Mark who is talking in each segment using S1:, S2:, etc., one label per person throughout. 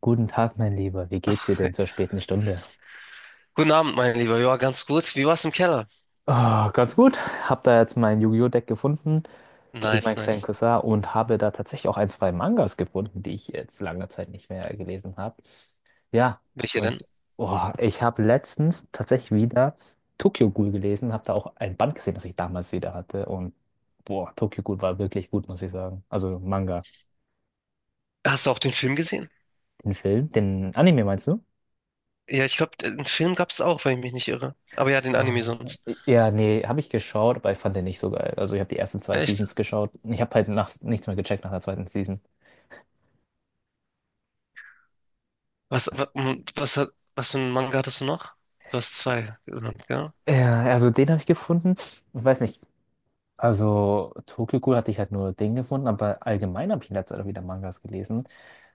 S1: Guten Tag, mein Lieber. Wie geht's dir denn zur späten Stunde?
S2: Guten Abend, mein Lieber. Ja, ganz gut. Wie war's im Keller?
S1: Oh, ganz gut. Hab da jetzt mein Yu-Gi-Oh! Deck gefunden, gebe ich
S2: Nice,
S1: meinen kleinen
S2: nice.
S1: Cousin und habe da tatsächlich auch ein, zwei Mangas gefunden, die ich jetzt lange Zeit nicht mehr gelesen habe. Ja,
S2: Welche
S1: und
S2: denn?
S1: oh, ich habe letztens tatsächlich wieder Tokyo Ghoul gelesen, habe da auch ein Band gesehen, das ich damals wieder hatte. Und boah, Tokyo Ghoul war wirklich gut, muss ich sagen. Also Manga.
S2: Hast du auch den Film gesehen?
S1: Den Film, den Anime meinst du?
S2: Ja, ich glaube, den Film gab's auch, wenn ich mich nicht irre. Aber ja, den Anime
S1: Ah.
S2: sonst.
S1: Ja, nee, habe ich geschaut, aber ich fand den nicht so geil. Also ich habe die ersten zwei
S2: Echt?
S1: Seasons geschaut. Ich habe halt nach, nichts mehr gecheckt nach der zweiten Season.
S2: Was,
S1: Das-
S2: wa- und was, hat- was für einen Manga hattest du noch? Du hast zwei genannt, gell?
S1: Ja, also den habe ich gefunden. Ich weiß nicht. Also Tokyo Ghoul hatte ich halt nur den gefunden, aber allgemein habe ich in letzter Zeit auch wieder Mangas gelesen.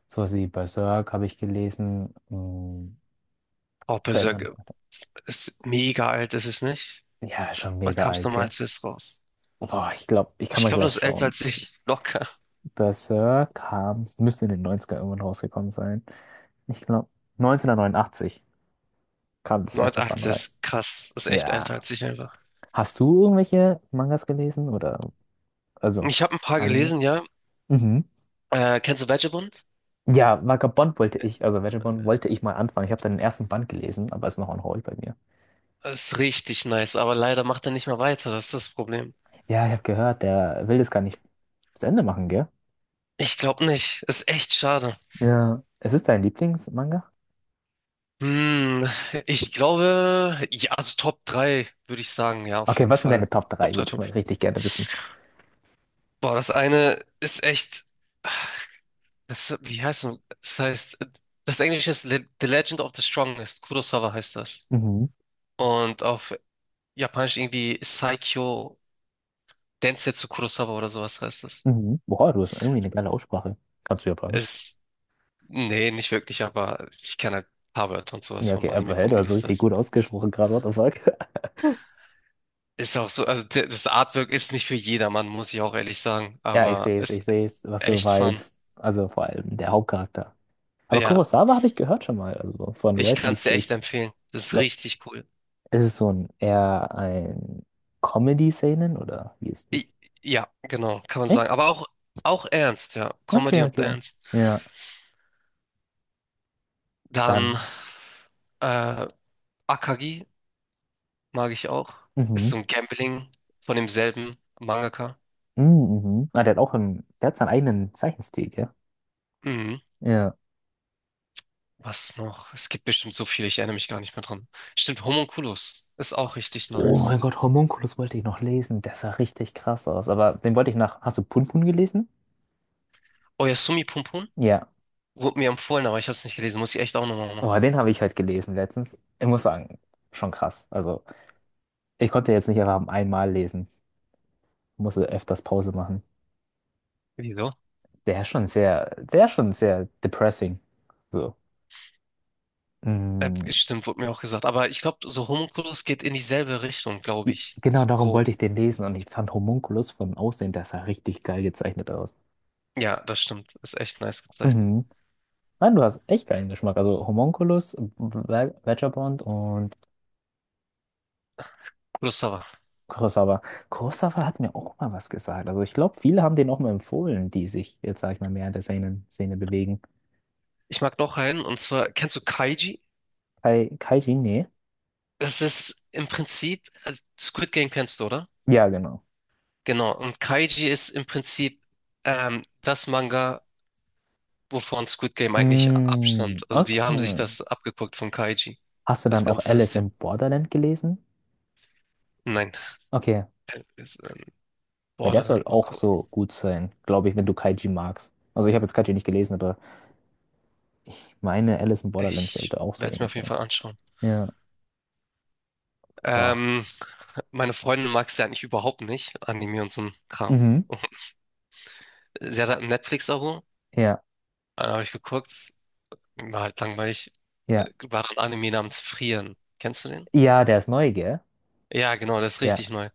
S1: Sowas wie Berserk habe ich gelesen. Hm,
S2: Oh,
S1: verändert
S2: Berserk
S1: mich weiter.
S2: ist mega alt, ist es nicht?
S1: Ja, schon
S2: Wann
S1: mega
S2: kam's
S1: alt,
S2: nochmal
S1: gell?
S2: als es raus?
S1: Boah, ich glaube, ich kann
S2: Ich
S1: mal
S2: glaube,
S1: gleich
S2: das ist älter
S1: schauen.
S2: als ich. Locker.
S1: Berserk kam, müsste in den Neunzigern irgendwann rausgekommen sein. Ich glaube, 1989 kam das
S2: Neun
S1: erste
S2: alt,
S1: Band.
S2: das ist krass. Das ist echt älter
S1: Ja.
S2: als ich einfach.
S1: Hast du irgendwelche Mangas gelesen oder also
S2: Ich habe ein paar
S1: Anime?
S2: gelesen, ja.
S1: Mhm.
S2: Kennst du Vagabond?
S1: Ja, Vagabond wollte ich, also Vagabond wollte ich mal anfangen. Ich habe seinen ersten Band gelesen, aber ist noch on hold bei mir.
S2: Ist richtig nice, aber leider macht er nicht mehr weiter, das ist das Problem.
S1: Ja, ich habe gehört, der will das gar nicht zu Ende machen, gell?
S2: Ich glaube nicht. Ist echt schade.
S1: Ja. Es ist dein Lieblingsmanga?
S2: Hm, ich glaube, ja, also Top 3 würde ich sagen, ja, auf
S1: Okay,
S2: jeden
S1: was sind
S2: Fall.
S1: deine Top
S2: Top
S1: drei?
S2: 3,
S1: Würde ich
S2: Top.
S1: mal richtig gerne wissen.
S2: Boah, das eine ist echt, das, wie heißt es? Das heißt, das Englische ist Le The Legend of the Strongest. Kurosawa heißt das.
S1: Mhm.
S2: Und auf Japanisch irgendwie Saikyo Densetsu Kurosawa oder sowas heißt das.
S1: Mhm. Boah, du hast irgendwie eine geile Aussprache. Kannst du Japanisch?
S2: Es, Nee, nicht wirklich, aber ich kann halt ein paar Wörter und sowas
S1: Ja,
S2: vom
S1: okay,
S2: Anime
S1: aber hey, du
S2: gucken,
S1: hast
S2: dies,
S1: richtig gut
S2: das.
S1: ausgesprochen gerade, what the fuck?
S2: Ist auch so, also das Artwork ist nicht für jedermann, muss ich auch ehrlich sagen,
S1: Ja,
S2: aber
S1: ich
S2: ist
S1: sehe es, was du
S2: echt fun.
S1: meinst. Also vor allem der Hauptcharakter. Aber
S2: Ja,
S1: Kurosawa habe ich gehört schon mal, also von
S2: ich
S1: Leuten,
S2: kann
S1: die
S2: es dir echt
S1: sich.
S2: empfehlen. Das ist
S1: Le-
S2: richtig cool.
S1: Ist es so ein eher ein Comedy-Seinen oder wie ist
S2: I
S1: es?
S2: ja, genau, kann man sagen.
S1: Echt?
S2: Aber auch ernst, ja.
S1: Okay,
S2: Comedy und
S1: okay.
S2: ernst.
S1: Ja,
S2: Dann
S1: dann.
S2: äh, Akagi mag ich auch. Ist
S1: Mhm.
S2: so ein Gambling von demselben Mangaka.
S1: Mhm. Mhm. Ah, der hat auch einen, der hat seinen eigenen Zeichenstil, gell?
S2: Mhm.
S1: Ja.
S2: Was noch? Es gibt bestimmt so viele, ich erinnere mich gar nicht mehr dran. Stimmt, Homunculus ist auch richtig
S1: Oh mein
S2: nice.
S1: Gott, Homunculus wollte ich noch lesen. Der sah richtig krass aus. Aber den wollte ich nach. Hast du Punpun gelesen?
S2: Oyasumi Pum Pum?
S1: Ja.
S2: Wurde mir empfohlen, aber ich habe es nicht gelesen. Muss ich echt auch nochmal
S1: Oh,
S2: machen.
S1: den habe ich halt gelesen letztens. Ich muss sagen, schon krass. Also, ich konnte jetzt nicht einfach einmal lesen. Musste öfters Pause machen.
S2: Wieso?
S1: Der ist schon sehr, der ist schon sehr depressing. So. Mm,
S2: Stimmt, wurde mir auch gesagt. Aber ich glaube, so Homunculus geht in dieselbe Richtung, glaube ich.
S1: genau
S2: So
S1: darum
S2: grob.
S1: wollte ich den lesen und ich fand Homunculus vom Aussehen, der sah richtig geil gezeichnet aus.
S2: Ja, das stimmt. Ist echt nice gezeichnet.
S1: Mhm. Nein, du hast echt geilen Geschmack. Also Homunculus, Vagabond und
S2: Kurosawa.
S1: Kurosawa. Kurosawa hat mir auch mal was gesagt. Also ich glaube, viele haben den auch mal empfohlen, die sich jetzt, sag ich mal, mehr in der Seinen-Szene bewegen.
S2: Ich mag noch einen, und zwar, kennst du Kaiji?
S1: Kai, Kai Jinne?
S2: Das ist im Prinzip, also Squid Game kennst du, oder?
S1: Ja, genau.
S2: Genau. Und Kaiji ist im Prinzip das Manga, wovon Squid Game eigentlich abstammt.
S1: Mm,
S2: Also die haben sich
S1: okay.
S2: das abgeguckt von Kaiji.
S1: Hast du
S2: Das
S1: dann auch
S2: ganze
S1: Alice
S2: System.
S1: in Borderland gelesen?
S2: Nein,
S1: Okay.
S2: Äh, ist, ähm,
S1: Weil der soll
S2: Borderland mal
S1: auch
S2: gucken.
S1: so gut sein, glaube ich, wenn du Kaiji magst. Also ich habe jetzt Kaiji nicht gelesen, aber ich meine, Alice in Borderland
S2: Ich
S1: sollte auch so
S2: werde es mir
S1: ähnlich
S2: auf jeden
S1: sein.
S2: Fall anschauen.
S1: Ja. Boah.
S2: Ähm, meine Freundin mag es ja eigentlich überhaupt nicht, Anime und so ein Kram.
S1: Mhm.
S2: Sie hat halt ein Netflix-Abo,
S1: Ja,
S2: dann habe ich geguckt, war halt langweilig.
S1: ja.
S2: War ein Anime namens Frieren. Kennst du den?
S1: Ja, der ist neu, gell?
S2: Ja, genau, das ist
S1: Ja,
S2: richtig neu.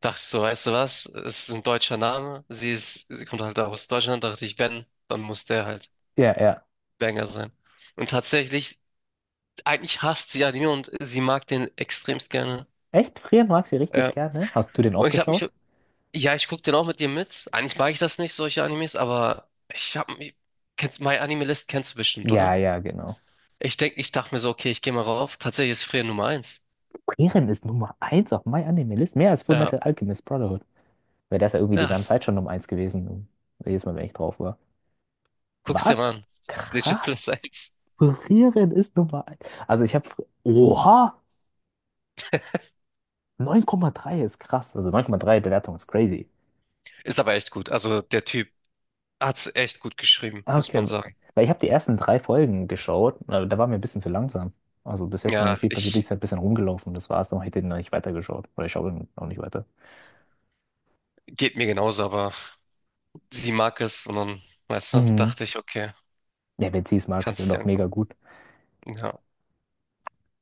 S2: Dachte ich so, weißt du was? Es ist ein deutscher Name. Sie kommt halt aus Deutschland. Dachte ich, wenn, dann muss der halt
S1: ja.
S2: Banger sein. Und tatsächlich, eigentlich hasst sie Anime und sie mag den extremst gerne.
S1: Echt? Frieren mag sie richtig
S2: Ja.
S1: gerne. Hast du den
S2: Und
S1: auch
S2: ich habe
S1: geschaut?
S2: mich Ja, ich guck den auch mit dir mit. Eigentlich mag ich das nicht, solche Animes, aber ich hab mich. My Anime List kennst du bestimmt,
S1: Ja,
S2: oder?
S1: ja, genau.
S2: Ich dachte mir so, okay, ich gehe mal rauf. Tatsächlich ist Frieren Nummer eins.
S1: Frieren ist Nummer eins auf My Anime List, mehr als Full
S2: Ja,
S1: Metal Alchemist Brotherhood. Weil der ist ja irgendwie die
S2: ja,
S1: ganze Zeit schon Nummer eins gewesen. Jedes Mal, wenn ich drauf war.
S2: guck's dir mal
S1: Was?
S2: an. Es ist legit
S1: Krass.
S2: Platz eins.
S1: Frieren ist Nummer eins. Also ich habe... Oha! 9,3 ist krass. Also 9,3 Bewertung ist crazy.
S2: Ist aber echt gut. Also der Typ hat's echt gut geschrieben,
S1: Ah,
S2: muss man
S1: okay,
S2: sagen.
S1: weil ich habe die ersten drei Folgen geschaut, da war mir ein bisschen zu langsam. Also bis jetzt noch
S2: Ja,
S1: nicht viel passiert, ist
S2: ich
S1: halt ein bisschen rumgelaufen, das war's, dann habe ich den noch nicht weitergeschaut. Oder ich schaue den noch nicht weiter.
S2: geht mir genauso, aber sie mag es und dann, weißt du,
S1: Mhm.
S2: dachte ich, okay,
S1: Ja, wenn sie es mag, ist
S2: kannst
S1: er
S2: es dir
S1: doch mega
S2: angucken.
S1: gut.
S2: Ja.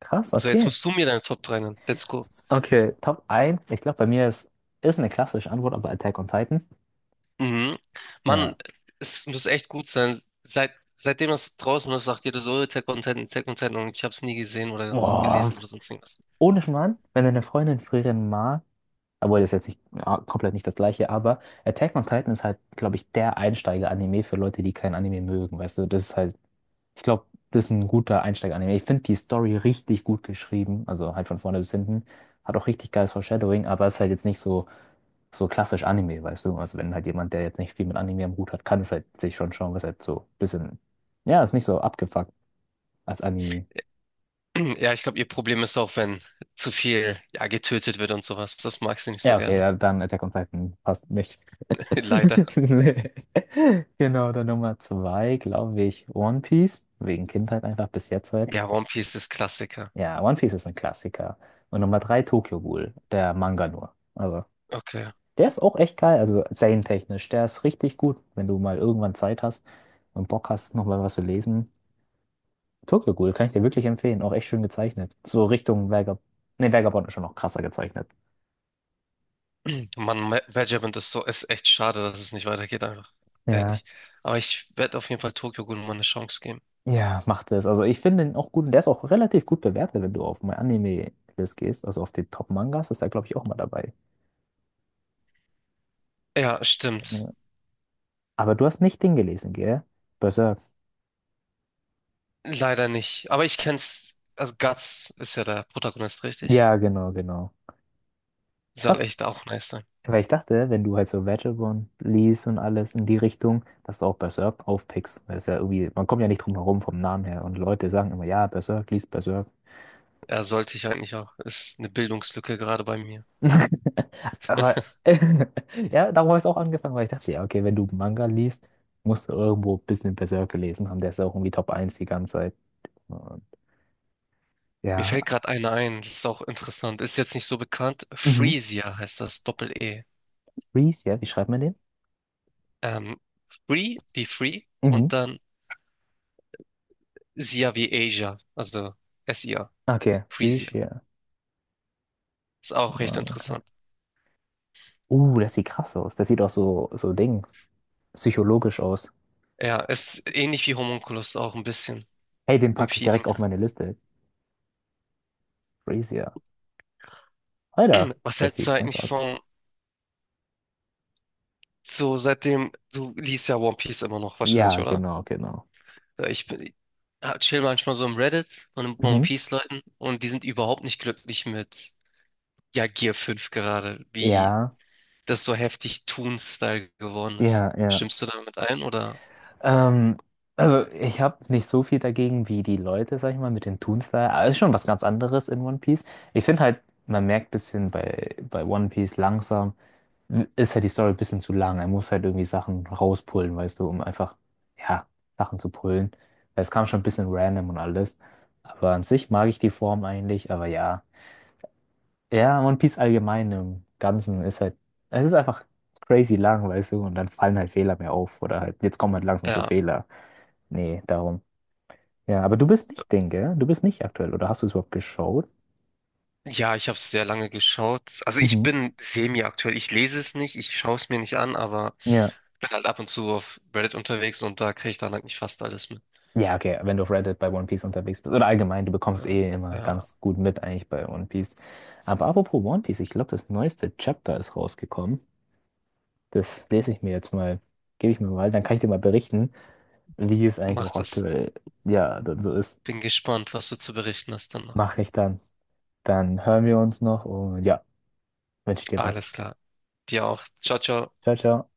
S1: Krass,
S2: So, jetzt
S1: okay.
S2: musst du mir deine Top 3 nennen. Let's go.
S1: Okay, Top eins. Ich glaube, bei mir ist, ist eine klassische Antwort, aber Attack on Titan.
S2: Mhm. Mann,
S1: Ja.
S2: es muss echt gut sein. Seitdem das draußen ist, sagt jeder so, "Oh, Tech Content, Tech Content und ich habe es nie gesehen oder
S1: Boah.
S2: gelesen oder sonst irgendwas.
S1: Ohne Schmarrn, wenn deine Freundin frieren mag, obwohl, das ist jetzt nicht ja, komplett nicht das gleiche, aber Attack on Titan ist halt, glaube ich, der Einsteiger-Anime für Leute, die kein Anime mögen. Weißt du, das ist halt, ich glaube, das ist ein guter Einsteiger-Anime. Ich finde die Story richtig gut geschrieben, also halt von vorne bis hinten. Hat auch richtig geiles Foreshadowing, aber ist halt jetzt nicht so, so klassisch Anime, weißt du? Also wenn halt jemand, der jetzt nicht viel mit Anime am Hut hat, kann es halt sich schon schauen, was halt so ein bisschen, ja, ist nicht so abgefuckt als Anime.
S2: Ja, ich glaube, ihr Problem ist auch, wenn zu viel ja, getötet wird und sowas. Das mag sie nicht so
S1: Ja, okay,
S2: gerne.
S1: ja, dann Attack on Titan passt nicht.
S2: Leider.
S1: Nee. Genau, dann Nummer zwei, glaube ich, One Piece. Wegen Kindheit einfach bis jetzt halt.
S2: Ja, One Piece ist Klassiker.
S1: Ja, One Piece ist ein Klassiker. Und Nummer drei, Tokyo Ghoul, der Manga nur. Also,
S2: Okay.
S1: der ist auch echt geil, also serientechnisch. Der ist richtig gut, wenn du mal irgendwann Zeit hast und Bock hast, nochmal was zu lesen. Tokyo Ghoul kann ich dir wirklich empfehlen, auch echt schön gezeichnet. So Richtung Vagab nee, Vagabond ist schon noch krasser gezeichnet.
S2: Mann, Vagabond ist echt schade, dass es nicht weitergeht, einfach.
S1: Ja.
S2: Ehrlich. Aber ich werde auf jeden Fall Tokyo Ghoul mal eine Chance geben.
S1: Ja, macht es. Also ich finde ihn auch gut und der ist auch relativ gut bewertet, wenn du auf My Anime-List gehst, also auf die Top-Mangas, ist er, glaube ich, auch mal dabei.
S2: Ja, stimmt.
S1: Ja. Aber du hast nicht den gelesen, gell? Berserk.
S2: Leider nicht. Aber ich kenn's. Also Guts ist ja der Protagonist, richtig?
S1: Ja, genau.
S2: Soll
S1: Krass.
S2: echt auch nice sein.
S1: Weil ich dachte, wenn du halt so Vagabond liest und alles in die Richtung, dass du auch Berserk aufpickst. Weil es ja irgendwie, man kommt ja nicht drum herum vom Namen her. Und Leute sagen immer, ja, Berserk, liest Berserk.
S2: Er sollte ich eigentlich auch. Ist eine Bildungslücke gerade bei mir.
S1: Aber ja, darum habe ich es auch angefangen, weil ich dachte, ja, okay, wenn du Manga liest, musst du irgendwo ein bisschen Berserk gelesen haben. Der ist ja auch irgendwie Top eins die ganze Zeit. Und
S2: Mir fällt
S1: ja.
S2: gerade einer ein. Das ist auch interessant. Ist jetzt nicht so bekannt.
S1: Mhm.
S2: Freesia heißt das. Doppel-E.
S1: Freeze, ja, wie schreibt man den?
S2: Ähm, Free wie Free
S1: Mhm.
S2: und dann Sia wie Asia. Also Sia.
S1: Okay, Freeze,
S2: Freesia.
S1: ja.
S2: Ist auch recht
S1: Manga.
S2: interessant.
S1: Das sieht krass aus. Das sieht auch so, so Ding, psychologisch aus.
S2: Ja, ist ähnlich wie Homunculus auch ein bisschen
S1: Hey, den
S2: vom
S1: packe ich
S2: Feeling
S1: direkt auf
S2: her.
S1: meine Liste. Freeze, ja. Alter,
S2: Was
S1: das
S2: hältst
S1: sieht
S2: du
S1: krank
S2: eigentlich
S1: aus.
S2: von So, seitdem, du liest ja One Piece immer noch wahrscheinlich,
S1: Ja,
S2: oder?
S1: genau, genau.
S2: Ja, Ich bin, ja, chill manchmal so im Reddit von den One
S1: Mhm.
S2: Piece-Leuten und die sind überhaupt nicht glücklich mit, ja, Gear fünf gerade, wie
S1: Ja,
S2: das so heftig Toon-Style geworden
S1: ja,
S2: ist.
S1: ja.
S2: Stimmst du damit ein, oder?
S1: Ähm, also ich habe nicht so viel dagegen wie die Leute, sag ich mal, mit den Toon-Style. Aber es ist schon was ganz anderes in One Piece. Ich finde halt, man merkt ein bisschen bei One Piece langsam, ist halt die Story ein bisschen zu lang. Er muss halt irgendwie Sachen rauspullen, weißt du, um einfach, ja, Sachen zu pullen. Weil es kam schon ein bisschen random und alles. Aber an sich mag ich die Form eigentlich, aber ja. Ja, One Piece allgemein im Ganzen ist halt, es ist einfach crazy lang, weißt du, und dann fallen halt Fehler mehr auf. Oder halt, jetzt kommen halt langsam so
S2: Ja,
S1: Fehler. Nee, darum. Ja, aber du bist nicht Ding, gell? Du bist nicht aktuell, oder hast du es überhaupt geschaut?
S2: ja, ich habe es sehr lange geschaut. Also ich
S1: Mhm.
S2: bin semi-aktuell. Ich lese es nicht, ich schaue es mir nicht an, aber
S1: Ja.
S2: bin halt ab und zu auf Reddit unterwegs und da kriege ich dann halt nicht fast alles mit.
S1: Ja, okay, wenn du auf Reddit bei One Piece unterwegs bist. Oder allgemein, du bekommst
S2: Ja,
S1: eh immer
S2: ja,
S1: ganz gut mit eigentlich bei One Piece. Aber apropos One Piece, ich glaube, das neueste Chapter ist rausgekommen. Das lese ich mir jetzt mal, gebe ich mir mal, dann kann ich dir mal berichten, wie es eigentlich
S2: mach
S1: auch
S2: das.
S1: aktuell, ja, dann so ist.
S2: Bin gespannt, was du zu berichten hast dann.
S1: Mach ich dann. Dann hören wir uns noch und ja, wünsche ich dir was.
S2: Alles klar. Dir auch. Ciao, ciao.
S1: Ciao, ciao.